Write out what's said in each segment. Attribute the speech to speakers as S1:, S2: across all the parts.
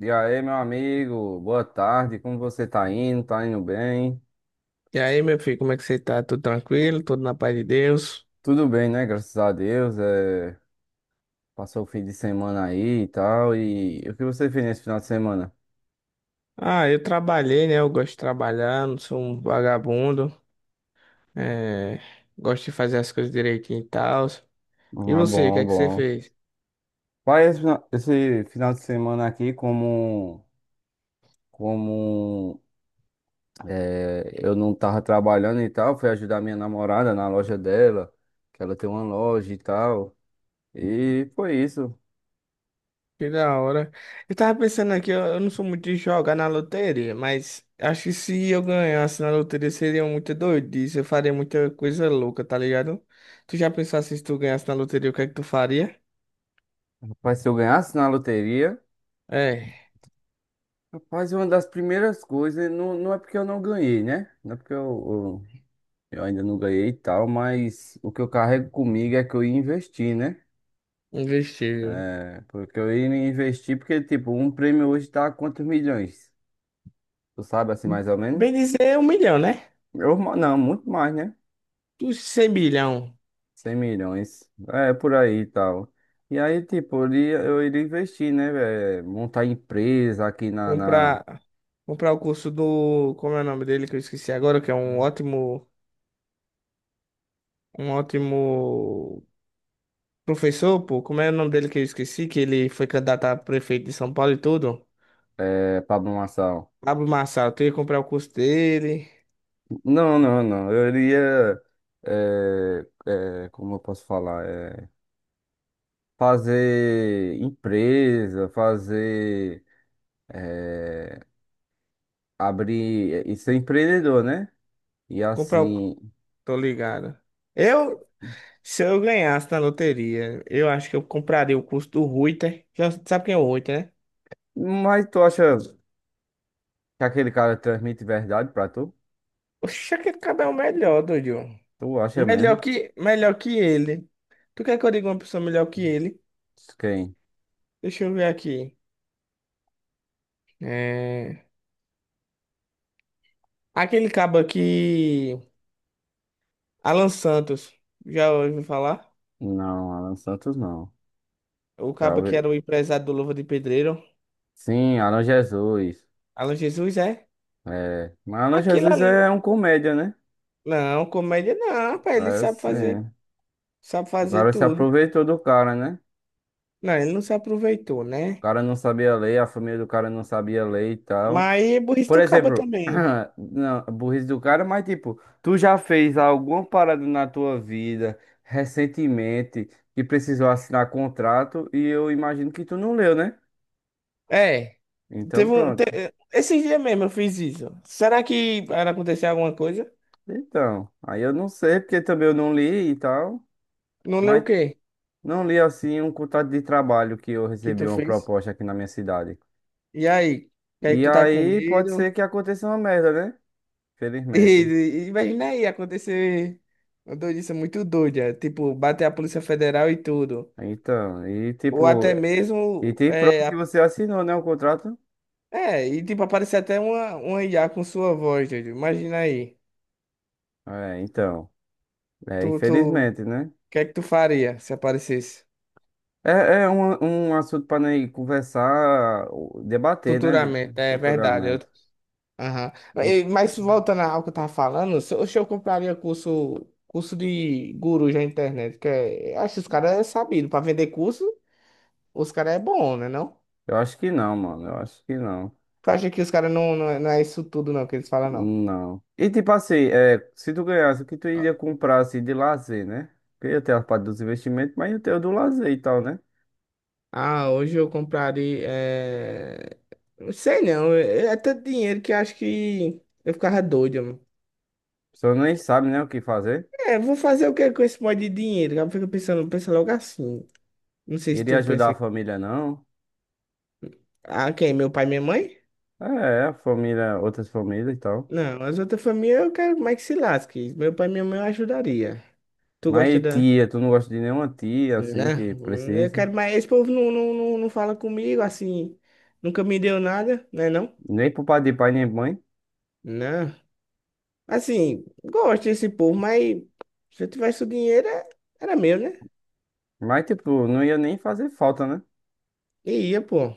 S1: E aí, meu amigo, boa tarde. Como você tá indo? Tá indo bem?
S2: E aí, meu filho, como é que você tá? Tudo tranquilo? Tudo na paz de Deus?
S1: Tudo bem, né? Graças a Deus. Passou o fim de semana aí e tal. E o que você fez nesse final de semana?
S2: Ah, eu trabalhei, né? Eu gosto de trabalhar, não sou um vagabundo. É... Gosto de fazer as coisas direitinho e tal. E
S1: Ah,
S2: você, o que
S1: bom,
S2: é que você
S1: bom.
S2: fez?
S1: Pai, esse final de semana aqui, como é, eu não tava trabalhando e tal, fui ajudar minha namorada na loja dela, que ela tem uma loja e tal. E foi isso.
S2: Que da hora. Eu tava pensando aqui, eu não sou muito de jogar na loteria, mas acho que se eu ganhasse na loteria seria muita doidice, eu faria muita coisa louca, tá ligado? Tu já pensou assim, se tu ganhasse na loteria, o que é que tu faria?
S1: Rapaz, se eu ganhasse na loteria.
S2: É,
S1: Rapaz, uma das primeiras coisas, não é porque eu não ganhei, né? Não é porque eu ainda não ganhei e tal, mas o que eu carrego comigo é que eu ia investir, né?
S2: investir.
S1: É, porque eu ia investir, porque, tipo, um prêmio hoje tá a quantos milhões? Tu sabe, assim, mais ou menos?
S2: Bem dizer, um milhão, né?
S1: Eu, não, muito mais, né?
S2: Dos 100 bilhão,
S1: 100 milhões, é, por aí e tal. E aí, tipo, eu iria investir, né, velho? Montar empresa aqui na,
S2: comprar, comprar o curso do, como é o nome dele que eu esqueci agora, que é um ótimo professor, pô, como é o nome dele que eu esqueci, que ele foi candidato a prefeito de São Paulo e tudo.
S1: Pablo.
S2: Pablo Marçal, tu ia comprar o curso dele,
S1: Não, não, não. Eu iria, eh, como eu posso falar, fazer empresa, fazer, eh, abrir e ser empreendedor, né? E
S2: comprar o,
S1: assim.
S2: tô ligado. Eu, se eu ganhasse na loteria, eu acho que eu compraria o curso do Reuter. Já sabe quem é o Reuter, né?
S1: Mas tu acha que aquele cara transmite verdade pra tu?
S2: Oxe, aquele cara é o melhor, doido.
S1: Tu acha mesmo?
S2: Melhor que ele. Tu quer que eu diga uma pessoa melhor que ele?
S1: Quem?
S2: Deixa eu ver aqui. É... Aquele cabo aqui, Alan Santos. Já ouviu falar?
S1: Não, Alan Santos não.
S2: O
S1: Já
S2: cabo que
S1: ouvi-
S2: era o empresário do Luva de Pedreiro.
S1: Sim, Alan Jesus.
S2: Alan Jesus, é?
S1: É. Mas Alan
S2: Aquilo
S1: Jesus
S2: ali.
S1: é um comédia, né?
S2: Não, comédia não, rapaz. Ele
S1: É
S2: sabe fazer.
S1: sim.
S2: Sabe
S1: O
S2: fazer
S1: cara se
S2: tudo.
S1: aproveitou do cara, né?
S2: Não, ele não se aproveitou,
S1: O
S2: né?
S1: cara não sabia ler, a família do cara não sabia ler e tal.
S2: Mas é burrice
S1: Por
S2: do cabo
S1: exemplo,
S2: também.
S1: não, burrice do cara, mas tipo, tu já fez alguma parada na tua vida recentemente que precisou assinar contrato e eu imagino que tu não leu, né?
S2: É.
S1: Então
S2: Teve um, te-
S1: pronto.
S2: Esse dia mesmo eu fiz isso. Será que vai acontecer alguma coisa?
S1: Então, aí eu não sei porque também eu não li e tal,
S2: Não leu o
S1: mas
S2: quê?
S1: não li assim um contrato de trabalho que eu
S2: Que tu
S1: recebi uma
S2: fez.
S1: proposta aqui na minha cidade.
S2: E aí, que aí
S1: E
S2: tu tá com
S1: aí pode
S2: medo?
S1: ser que aconteça uma merda, né? Felizmente.
S2: Imagina aí acontecer uma doidice muito doida, tipo, bater a Polícia Federal e tudo.
S1: Então, e
S2: Ou
S1: tipo,
S2: até
S1: e
S2: mesmo,
S1: tem prova
S2: é,
S1: que
S2: a-
S1: você assinou, né, o contrato?
S2: É e tipo, aparecer até uma IA com sua voz, doido. Imagina aí.
S1: É, então. É,
S2: Tu, o
S1: infelizmente, né?
S2: que é que tu faria se aparecesse?
S1: É um assunto para nós conversar, debater, né,
S2: Futuramente, é verdade. Eu...
S1: futuramente.
S2: Aham.
S1: E
S2: Mas voltando ao que eu tava falando, se eu compraria curso, curso de guru na internet, que é, acho que os caras é sabido para vender curso. Os caras é bom, né, não?
S1: Eu acho que não, mano. Eu acho que não.
S2: Tu acha que os caras não, é não é isso tudo, não, que eles falam, não?
S1: Não. E tipo assim, se tu ganhasse, o que tu iria comprar assim de lazer, né? Porque eu tenho a parte dos investimentos, mas eu tenho do lazer e tal, né? A
S2: Ah, hoje eu compraria... É... Não sei, não. É tanto dinheiro que eu acho que eu ficava doido, mano.
S1: pessoa nem sabe, né, o que fazer.
S2: É, vou fazer o que com esse monte de dinheiro? Eu fico pensando, pensa logo assim. Não sei se
S1: Iria
S2: tu
S1: ajudar
S2: pensa...
S1: a família, não.
S2: Ah, quem? Meu pai e minha mãe?
S1: É, a família, outras famílias e tal.
S2: Não, as outras famílias eu quero mais que se lasque. Meu pai e minha mãe eu ajudaria. Tu gosta
S1: Mas
S2: da...
S1: tia, tu não gosta de nenhuma tia, assim, que
S2: Não, eu
S1: precisa.
S2: quero mais... Esse povo não fala comigo, assim... Nunca me deu nada, né, não?
S1: Nem pro pai de pai, nem mãe.
S2: Né? Assim, gosto desse povo, mas se eu tivesse o dinheiro, era meu, né?
S1: Mas, tipo, não ia nem fazer falta, né?
S2: E ia, pô.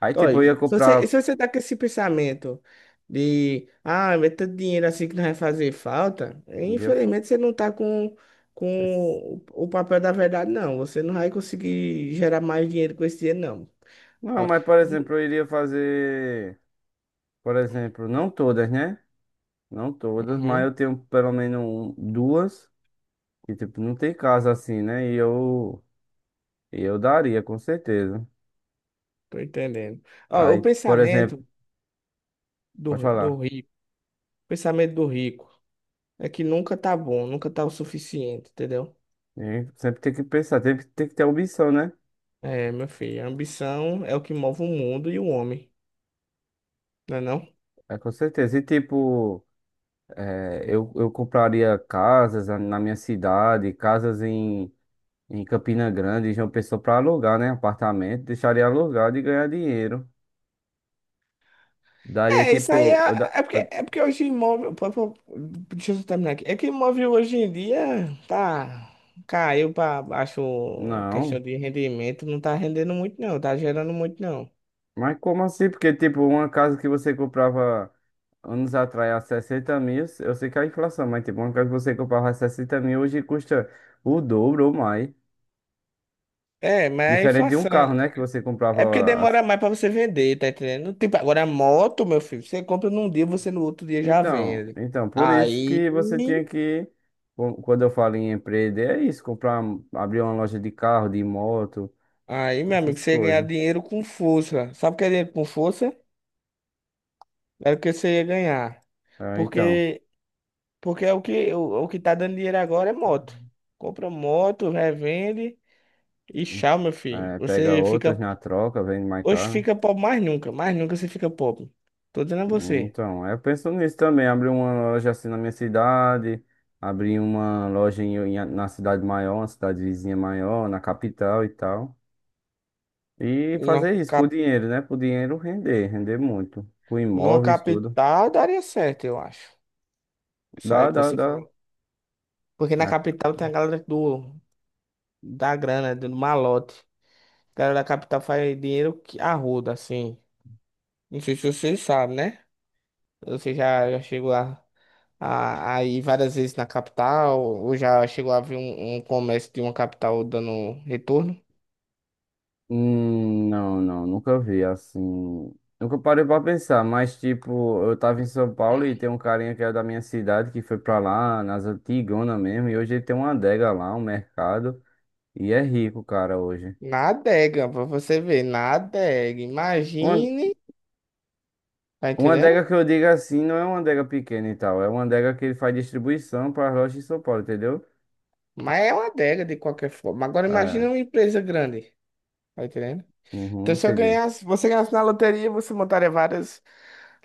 S1: Aí, tipo,
S2: Olha,
S1: eu ia comprar.
S2: se você tá com esse pensamento de, ah, mas tanto dinheiro assim que não vai fazer falta,
S1: não ia fa-
S2: infelizmente você não tá com o papel da verdade, não. Você não vai conseguir gerar mais dinheiro com esse dinheiro, não.
S1: Não,
S2: Ó,
S1: mas, por exemplo,
S2: e-
S1: eu iria fazer. Por exemplo, não todas, né? Não todas, mas eu
S2: Uhum,
S1: tenho pelo menos duas. Que, tipo, não tem casa assim, né? E eu daria, com certeza.
S2: tô entendendo. Ó, o
S1: Aí, por exemplo,
S2: pensamento
S1: pode
S2: do
S1: falar.
S2: rico, o pensamento do rico é que nunca tá bom, nunca tá o suficiente, entendeu?
S1: E sempre tem que pensar, tem que ter ambição, né?
S2: É, meu filho, a ambição é o que move o mundo e o homem, não é não?
S1: É, com certeza. E, tipo. É, eu compraria casas na minha cidade, casas em Campina Grande, em João Pessoa para alugar, né? Apartamento, deixaria alugado e ganhar dinheiro. Daria
S2: É, isso aí
S1: tipo. eu
S2: é,
S1: da-
S2: é porque,
S1: eu-
S2: É porque hoje move. Deixa eu só terminar aqui. É que move hoje em dia tá. Caiu pra baixo questão
S1: não,
S2: de rendimento, não tá rendendo muito, não, tá gerando muito, não.
S1: mas como assim? Porque, tipo, uma casa que você comprava anos atrás a 60 mil, eu sei que é a inflação, mas, tipo, uma casa que você comprava a 60 mil hoje custa o dobro ou mais.
S2: É, mas a
S1: Diferente de um
S2: inflação.
S1: carro, né? Que você
S2: É porque
S1: comprava.
S2: demora mais pra você vender, tá entendendo? Tipo, agora a moto, meu filho, você compra num dia, você no outro dia já
S1: Então,
S2: vende.
S1: então, por isso
S2: Aí.
S1: que você tinha que, quando eu falo em empreender, é isso, comprar, abrir uma loja de carro, de moto,
S2: Aí, meu amigo,
S1: essas
S2: você ganha
S1: coisas.
S2: dinheiro com força. Sabe o que é dinheiro com força? Era o que você ia ganhar.
S1: Ah, então,
S2: Porque, porque é o que tá dando dinheiro agora é moto. Compra moto, revende e tchau, meu filho.
S1: pega
S2: Você
S1: outras
S2: fica.
S1: na troca, vende mais
S2: Hoje
S1: caro, né?
S2: fica pobre mais nunca. Mais nunca você fica pobre. Tô dizendo a você.
S1: Então, eu penso nisso também, abrir uma loja assim na minha cidade, abrir uma loja em, na cidade maior, na cidade vizinha maior, na capital e tal. E
S2: Numa,
S1: fazer isso com o
S2: cap,
S1: dinheiro, né? Pro dinheiro render, render muito. Com
S2: Numa
S1: imóveis, tudo.
S2: capital daria certo, eu acho. Isso aí
S1: Dá,
S2: que
S1: dá,
S2: você
S1: dá,
S2: fala. Porque na
S1: né?
S2: capital tem a galera do, da grana, do malote. A galera da capital faz dinheiro que arruda, assim. Não sei se você sabe, né? Você já, já chegou lá. A ir várias vezes na capital, ou já chegou a ver um comércio de uma capital dando retorno?
S1: Não, não, nunca vi assim. Nunca parei pra pensar, mas tipo, eu tava em São Paulo e tem um carinha que é da minha cidade que foi pra lá, nas antigonas mesmo, e hoje ele tem uma adega lá, um mercado, e é rico, cara, hoje.
S2: Na adega, pra você ver, na adega.
S1: Uma,
S2: Imagine, tá
S1: uma
S2: entendendo?
S1: adega que eu digo assim, não é uma adega pequena e tal, é uma adega que ele faz distribuição pra lojas em São Paulo, entendeu?
S2: Mas é uma adega de qualquer forma. Agora imagine
S1: É,
S2: uma empresa grande, tá entendendo? Então
S1: uhum,
S2: se eu
S1: entendi.
S2: ganhasse, você ganhasse na loteria, você montaria várias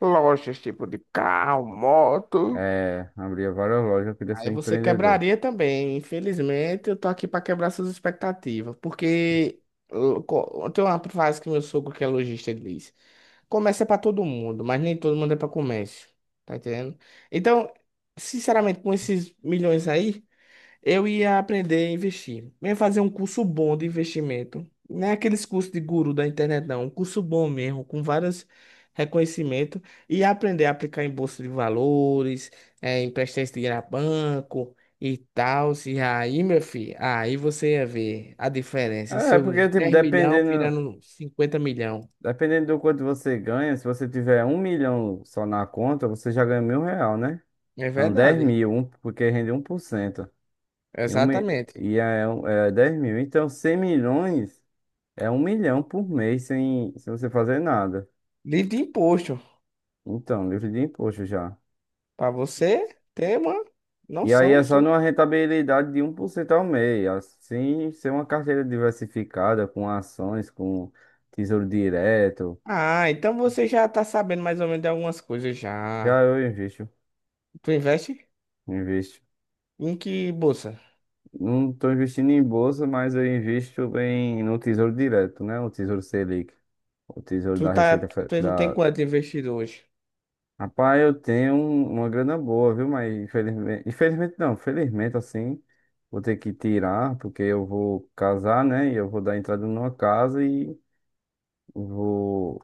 S2: lojas, tipo de carro, moto.
S1: É, abria várias lojas, eu queria ser
S2: Aí você
S1: empreendedor.
S2: quebraria também. Infelizmente, eu tô aqui pra quebrar suas expectativas. Porque tem uma frase que meu sogro, que é lojista, ele diz: Comércio é pra todo mundo, mas nem todo mundo é pra comércio. Tá entendendo? Então, sinceramente, com esses milhões aí. Eu ia aprender a investir. Eu ia fazer um curso bom de investimento. Não é aqueles cursos de guru da internet, não. Um curso bom mesmo, com vários reconhecimentos. E aprender a aplicar em bolsa de valores, emprestar esse dinheiro a banco e tal. E aí, meu filho, aí você ia ver a diferença.
S1: É, porque,
S2: Seus
S1: tipo,
S2: dez milhão
S1: dependendo.
S2: virando cinquenta milhão.
S1: Dependendo do quanto você ganha, se você tiver 1 milhão só na conta, você já ganha mil real, né?
S2: É
S1: Não, 10
S2: verdade.
S1: mil, um, porque rende 1%. E, um, mi-
S2: Exatamente.
S1: é 10 mil. Então, 100 milhões é 1 milhão por mês sem você fazer nada.
S2: Livre de imposto.
S1: Então, livre de imposto já.
S2: Para você ter uma
S1: E aí
S2: noção.
S1: é só numa rentabilidade de 1% ao mês. Assim, ser uma carteira diversificada com ações, com tesouro direto.
S2: Ah, então você já tá sabendo mais ou menos de algumas coisas
S1: Já
S2: já.
S1: eu invisto.
S2: Tu investe
S1: Invisto.
S2: em que bolsa?
S1: Não estou investindo em bolsa, mas eu invisto no Tesouro Direto, né? O Tesouro Selic, o Tesouro
S2: Tu
S1: da
S2: tá,
S1: Receita
S2: tu, Tu tem
S1: Da...
S2: quanto investido hoje?
S1: Rapaz, eu tenho uma grana boa, viu? Mas infelizmente, infelizmente não, felizmente assim, vou ter que tirar, porque eu vou casar, né? E eu vou dar entrada numa casa e vou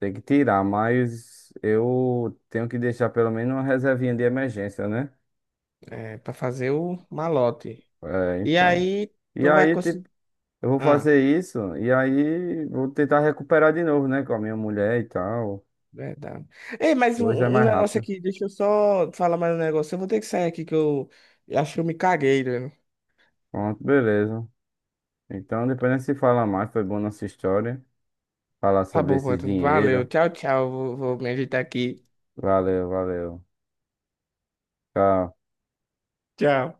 S1: ter que tirar, mas eu tenho que deixar pelo menos uma reservinha de emergência, né?
S2: É, para fazer o malote.
S1: É,
S2: E
S1: então.
S2: aí
S1: E
S2: tu vai
S1: aí,
S2: conseguir.
S1: tipo, eu vou
S2: Ah,
S1: fazer isso e aí vou tentar recuperar de novo, né? Com a minha mulher e tal.
S2: verdade. Ei, mas
S1: Dois é
S2: um
S1: mais
S2: negócio
S1: rápido.
S2: aqui, deixa eu só falar mais um negócio. Eu vou ter que sair aqui que eu acho que eu me caguei, né?
S1: Pronto, beleza. Então depois a gente se fala mais. Foi boa nossa história. Falar
S2: Tá
S1: sobre
S2: bom,
S1: esses
S2: mano. Valeu.
S1: dinheiro.
S2: Tchau, tchau. Vou meditar aqui.
S1: Valeu, valeu. Tchau.
S2: Tchau.